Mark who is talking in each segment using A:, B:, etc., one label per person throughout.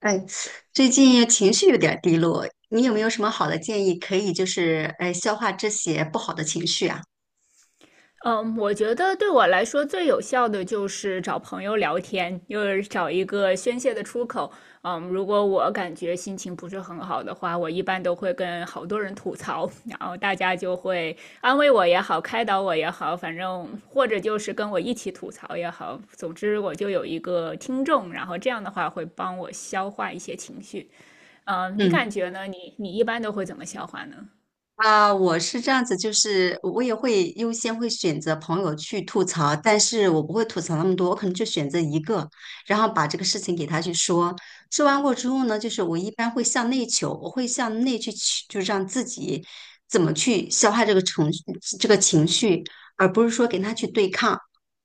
A: 哎，最近情绪有点儿低落，你有没有什么好的建议可以消化这些不好的情绪啊？
B: 嗯，我觉得对我来说最有效的就是找朋友聊天，就是找一个宣泄的出口。嗯，如果我感觉心情不是很好的话，我一般都会跟好多人吐槽，然后大家就会安慰我也好，开导我也好，反正或者就是跟我一起吐槽也好，总之我就有一个听众，然后这样的话会帮我消化一些情绪。嗯，你
A: 嗯。
B: 感觉呢？你一般都会怎么消化呢？
A: 啊，我是这样子，就是我也会优先选择朋友去吐槽，但是我不会吐槽那么多，我可能就选择一个，然后把这个事情给他去说。说完过之后呢，就是我一般会向内求，我会向内去，就让自己怎么去消化这个情绪，这个情绪，而不是说跟他去对抗。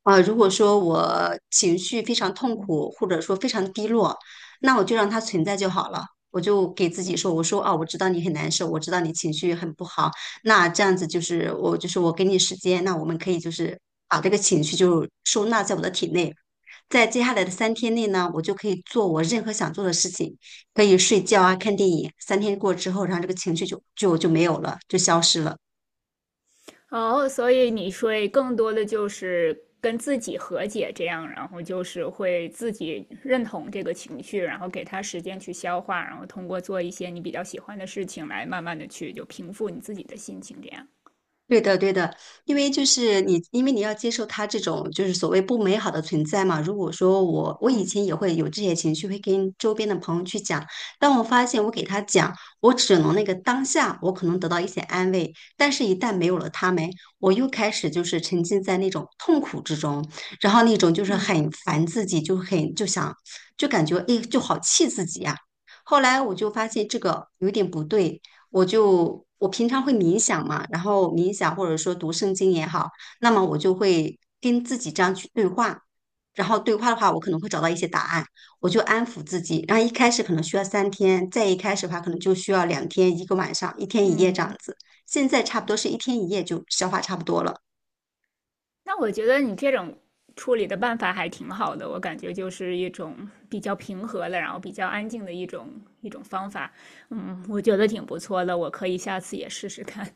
A: 啊，如果说我情绪非常痛苦，或者说非常低落，那我就让它存在就好了。我就给自己说，我说啊，我知道你很难受，我知道你情绪很不好，那这样子就是我就是我给你时间，那我们可以就是把这个情绪就收纳在我的体内，在接下来的三天内呢，我就可以做我任何想做的事情，可以睡觉啊，看电影。三天过之后，然后这个情绪就没有了，就消失了。
B: 哦，所以你会更多的就是跟自己和解，这样，然后就是会自己认同这个情绪，然后给他时间去消化，然后通过做一些你比较喜欢的事情来慢慢的去就平复你自己的心情，这样。
A: 对的，对的，因为就是你，因为你要接受他这种就是所谓不美好的存在嘛。如果说我，我以
B: 嗯
A: 前也会有这些情绪，会跟周边的朋友去讲。当我发现我给他讲，我只能那个当下，我可能得到一些安慰，但是一旦没有了他们，我又开始就是沉浸在那种痛苦之中，然后那种就是
B: 嗯
A: 很烦自己，就感觉哎，就好气自己呀、后来我就发现这个有点不对，我就我平常会冥想嘛，然后冥想或者说读圣经也好，那么我就会跟自己这样去对话，然后对话的话，我可能会找到一些答案，我就安抚自己。然后一开始可能需要三天，再一开始的话可能就需要两天，一个晚上，一天一夜这样
B: 嗯，
A: 子。现在差不多是一天一夜就消化差不多了。
B: 那我觉得你这种处理的办法还挺好的，我感觉就是一种比较平和的，然后比较安静的一种方法。嗯，我觉得挺不错的，我可以下次也试试看。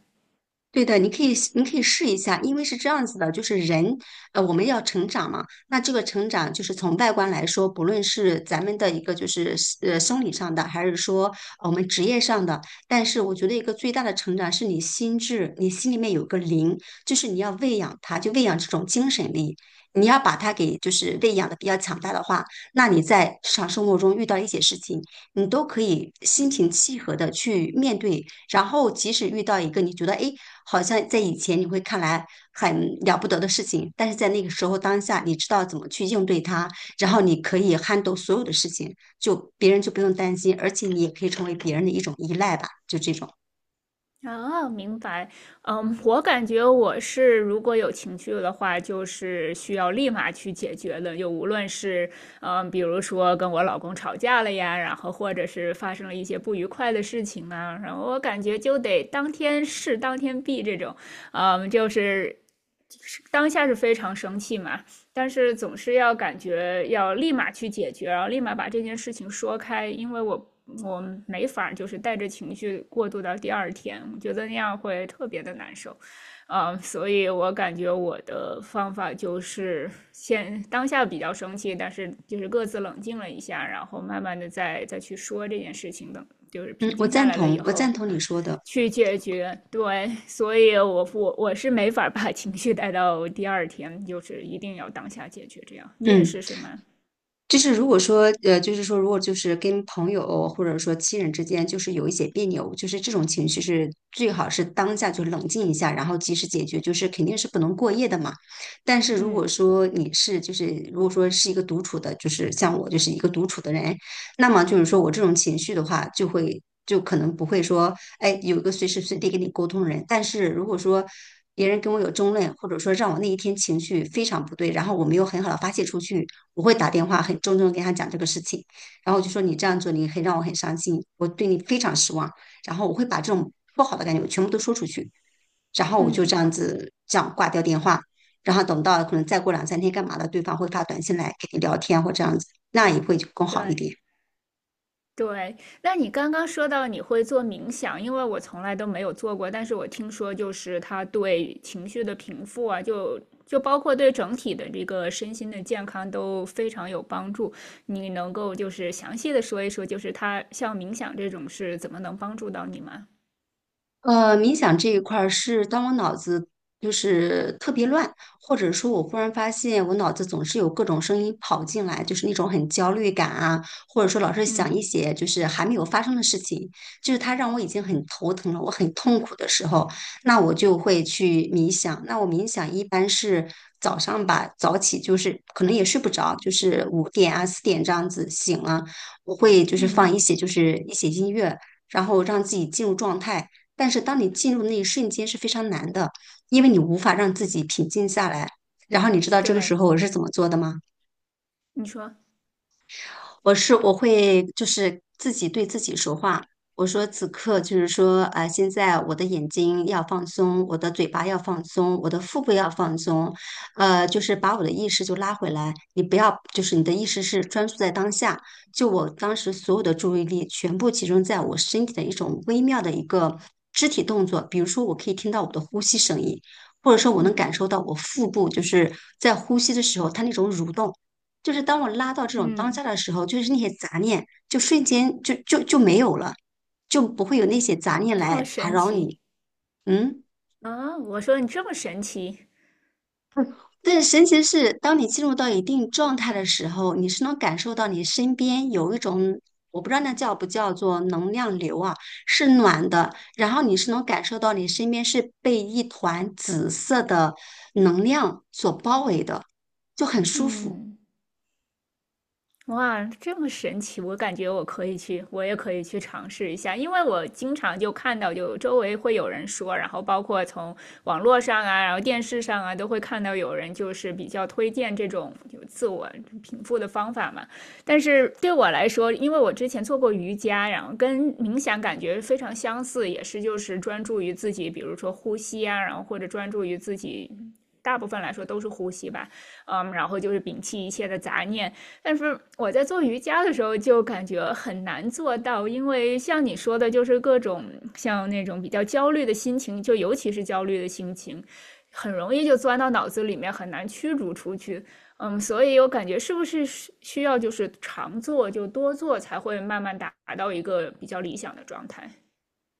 A: 对的，你可以试一下，因为是这样子的，就是人，我们要成长嘛。那这个成长就是从外观来说，不论是咱们的一个就是生理上的，还是说我们职业上的，但是我觉得一个最大的成长是你心智，你心里面有个灵，就是你要喂养它，就喂养这种精神力。你要把它给就是喂养的比较强大的话，那你在日常生活中遇到一些事情，你都可以心平气和的去面对，然后即使遇到一个你觉得哎好像在以前你会看来很了不得的事情，但是在那个时候当下，你知道怎么去应对它，然后你可以撼动所有的事情，就别人就不用担心，而且你也可以成为别人的一种依赖吧，就这种。
B: 哦，明白。嗯，我感觉我是如果有情绪的话，就是需要立马去解决的。就无论是嗯，比如说跟我老公吵架了呀，然后或者是发生了一些不愉快的事情啊，然后我感觉就得当天事当天毕这种。嗯，就是当下是非常生气嘛，但是总是要感觉要立马去解决，然后立马把这件事情说开，因为我没法就是带着情绪过渡到第二天，我觉得那样会特别的难受，嗯，所以我感觉我的方法就是先当下比较生气，但是就是各自冷静了一下，然后慢慢的再去说这件事情，的，就是
A: 嗯，
B: 平
A: 我
B: 静下
A: 赞
B: 来了
A: 同，
B: 以
A: 我
B: 后，
A: 赞同你说的。
B: 去解决，对，所以我是没法把情绪带到第二天，就是一定要当下解决。这样你也
A: 嗯。
B: 是是吗？
A: 就是如果说，就是说，如果就是跟朋友或者说亲人之间，就是有一些别扭，就是这种情绪是最好是当下就冷静一下，然后及时解决，就是肯定是不能过夜的嘛。但是如
B: 嗯
A: 果说你是就是如果说是一个独处的，就是像我就是一个独处的人，那么就是说我这种情绪的话，就可能不会说，哎，有一个随时随地跟你沟通的人。但是如果说别人跟我有争论，或者说让我那一天情绪非常不对，然后我没有很好的发泄出去，我会打电话很郑重地跟他讲这个事情，然后我就说你这样做，你让我很伤心，我对你非常失望，然后我会把这种不好的感觉我全部都说出去，然后我就
B: 嗯，
A: 这样子这样挂掉电话。然后等到可能再过两三天干嘛的，对方会发短信来跟你聊天或这样子，那也会更好一
B: 对
A: 点。
B: 对。那你刚刚说到你会做冥想，因为我从来都没有做过，但是我听说就是它对情绪的平复啊，就就包括对整体的这个身心的健康都非常有帮助。你能够就是详细的说一说，就是它像冥想这种是怎么能帮助到你吗？
A: 冥想这一块儿是当我脑子就是特别乱，或者说我忽然发现我脑子总是有各种声音跑进来，就是那种很焦虑感啊，或者说老是想一
B: 嗯
A: 些就是还没有发生的事情，就是它让我已经很头疼了，我很痛苦的时候，那我就会去冥想。那我冥想一般是早上吧，早起就是可能也睡不着，就是五点啊四点这样子醒了，我会就是
B: 嗯。
A: 放一些就是一些音乐，然后让自己进入状态。但是当你进入那一瞬间是非常难的，因为你无法让自己平静下来。然后你知道这个时
B: 对，
A: 候我是怎么做的吗？
B: 你说，
A: 我会就是自己对自己说话，我说此刻就是说，啊，现在我的眼睛要放松，我的嘴巴要放松，我的腹部要放松，就是把我的意识就拉回来，你不要就是你的意识是专注在当下，就我当时所有的注意力全部集中在我身体的一种微妙的一个肢体动作，比如说我可以听到我的呼吸声音。或者说我能
B: 嗯
A: 感受到我腹部就是在呼吸的时候，它那种蠕动，就是当我拉到这种当
B: 嗯，
A: 下的时候，就是那些杂念就瞬间就没有了，就不会有那些杂念
B: 这
A: 来
B: 么
A: 打
B: 神
A: 扰
B: 奇
A: 你。嗯，
B: 啊！我说你这么神奇，
A: 但是神奇的是，当你进入到一定状态的时候，你是能感受到你身边有一种。我不知道那叫不叫做能量流啊，是暖的，然后你是能感受到你身边是被一团紫色的能量所包围的，就很舒服。
B: 嗯。哇，这么神奇！我感觉我可以去，我也可以去尝试一下，因为我经常就看到，就周围会有人说，然后包括从网络上啊，然后电视上啊，都会看到有人就是比较推荐这种有自我平复的方法嘛。但是对我来说，因为我之前做过瑜伽，然后跟冥想感觉非常相似，也是就是专注于自己，比如说呼吸啊，然后或者专注于自己，大部分来说都是呼吸吧，嗯，然后就是摒弃一切的杂念。但是我在做瑜伽的时候就感觉很难做到，因为像你说的，就是各种像那种比较焦虑的心情，就尤其是焦虑的心情，很容易就钻到脑子里面，很难驱逐出去。嗯，所以我感觉是不是需要就是常做，就多做，才会慢慢达到一个比较理想的状态。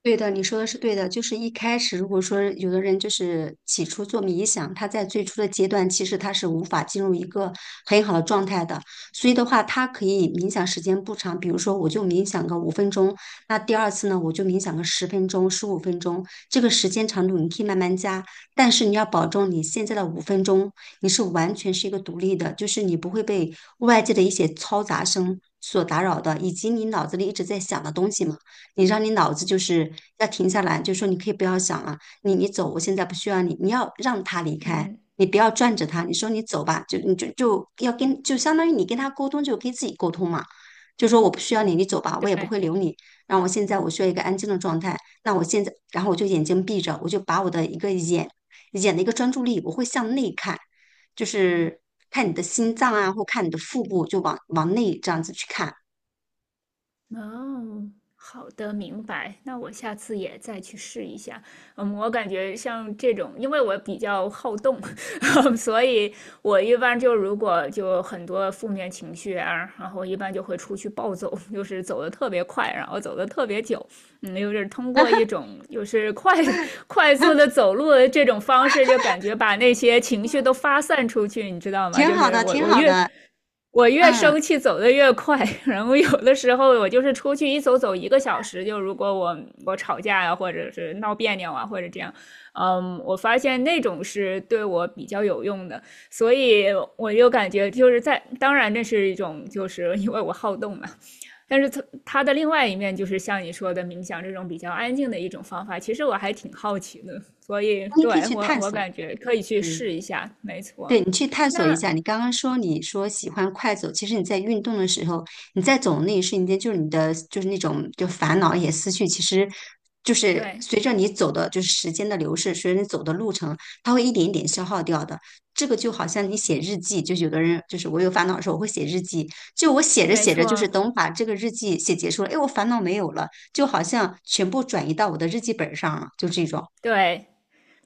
A: 对的，你说的是对的。就是一开始，如果说有的人就是起初做冥想，他在最初的阶段，其实他是无法进入一个很好的状态的。所以的话，他可以冥想时间不长，比如说我就冥想个五分钟，那第二次呢，我就冥想个十分钟、十五分钟，这个时间长度你可以慢慢加。但是你要保证你现在的五分钟，你是完全是一个独立的，就是你不会被外界的一些嘈杂声所打扰的，以及你脑子里一直在想的东西嘛。你让你脑子就是要停下来，就说你可以不要想了，你走，我现在不需要你，你要让他离开，
B: 嗯，
A: 你不要拽着他，你说你走吧，就你就要相当于你跟他沟通，就跟自己沟通嘛，就说我不需要你，你走吧，我也不
B: 对。
A: 会留你，然后我现在需要一个安静的状态，那我现在然后我就眼睛闭着，我就把我的一个眼的一个专注力，我会向内看，就是看你的心脏啊，或看你的腹部，就往往内这样子去看，
B: 哦，好的，明白。那我下次也再去试一下。嗯，我感觉像这种，因为我比较好动，所以我一般就如果就很多负面情绪啊，然后一般就会出去暴走，就是走的特别快，然后走的特别久。嗯，就是通过一种就是快 快速的 走路的这种方式，就感觉把那些情绪都发散出去，你知道吗？
A: 挺
B: 就
A: 好
B: 是
A: 的，
B: 我
A: 挺
B: 我
A: 好
B: 越
A: 的，
B: 我越
A: 嗯。
B: 生气走的越快，然后有的时候我就是出去一走走一个小时，就如果我吵架呀、啊或者是闹别扭啊，或者这样，嗯，我发现那种是对我比较有用的，所以我就感觉就是在，当然这是一种就是因为我好动嘛，但是它的另外一面就是像你说的冥想这种比较安静的一种方法，其实我还挺好奇的，所以
A: 你
B: 对
A: 可以去
B: 我
A: 探
B: 我
A: 索，
B: 感觉可以去
A: 嗯，
B: 试一下，没错，
A: 对你去探索一
B: 那
A: 下。你刚刚说你说喜欢快走，其实你在运动的时候，你在走的那一瞬间，就是你的就是那种就烦恼也思绪，其实就是
B: 对。
A: 随着你走的就是时间的流逝，随着你走的路程，它会一点一点消耗掉的。这个就好像你写日记，就有的人就是我有烦恼的时候，我会写日记，就我写着
B: 没
A: 写着，就是
B: 错，
A: 等我把这个日记写结束了，哎，我烦恼没有了，就好像全部转移到我的日记本上了，就这种
B: 对，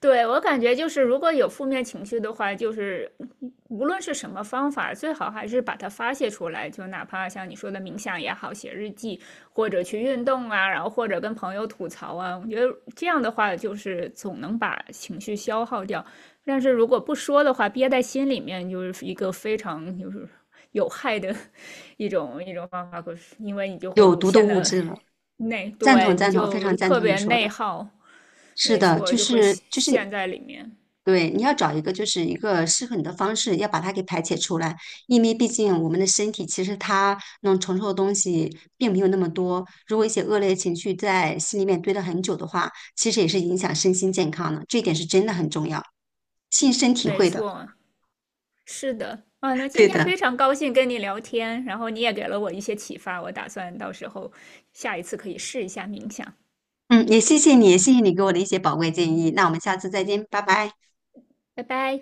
B: 对，我感觉就是如果有负面情绪的话，就是无论是什么方法，最好还是把它发泄出来，就哪怕像你说的冥想也好，写日记，或者去运动啊，然后或者跟朋友吐槽啊，我觉得这样的话就是总能把情绪消耗掉。但是如果不说的话，憋在心里面就是一个非常就是有害的 一种方法，可是因为你就会
A: 有
B: 无
A: 毒的
B: 限
A: 物
B: 的
A: 质了。
B: 内，
A: 赞同
B: 对，你
A: 赞同，非
B: 就
A: 常赞
B: 特
A: 同你
B: 别
A: 说
B: 内
A: 的。
B: 耗。
A: 是
B: 没
A: 的，
B: 错，
A: 就
B: 就会
A: 是
B: 陷
A: 就是
B: 陷在里面。
A: 对，你要找一个就是一个适合你的方式，要把它给排解出来。因为毕竟我们的身体其实它能承受的东西并没有那么多。如果一些恶劣情绪在心里面堆了很久的话，其实也是影响身心健康的。这一点是真的很重要，亲身体
B: 没
A: 会的。
B: 错，是的。啊，那今
A: 对
B: 天
A: 的，
B: 非常高兴跟你聊天，然后你也给了我一些启发，我打算到时候下一次可以试一下冥想。
A: 嗯，也谢谢你，谢谢你给我的一些宝贵建议。那我们下次再见，拜拜。
B: 拜拜。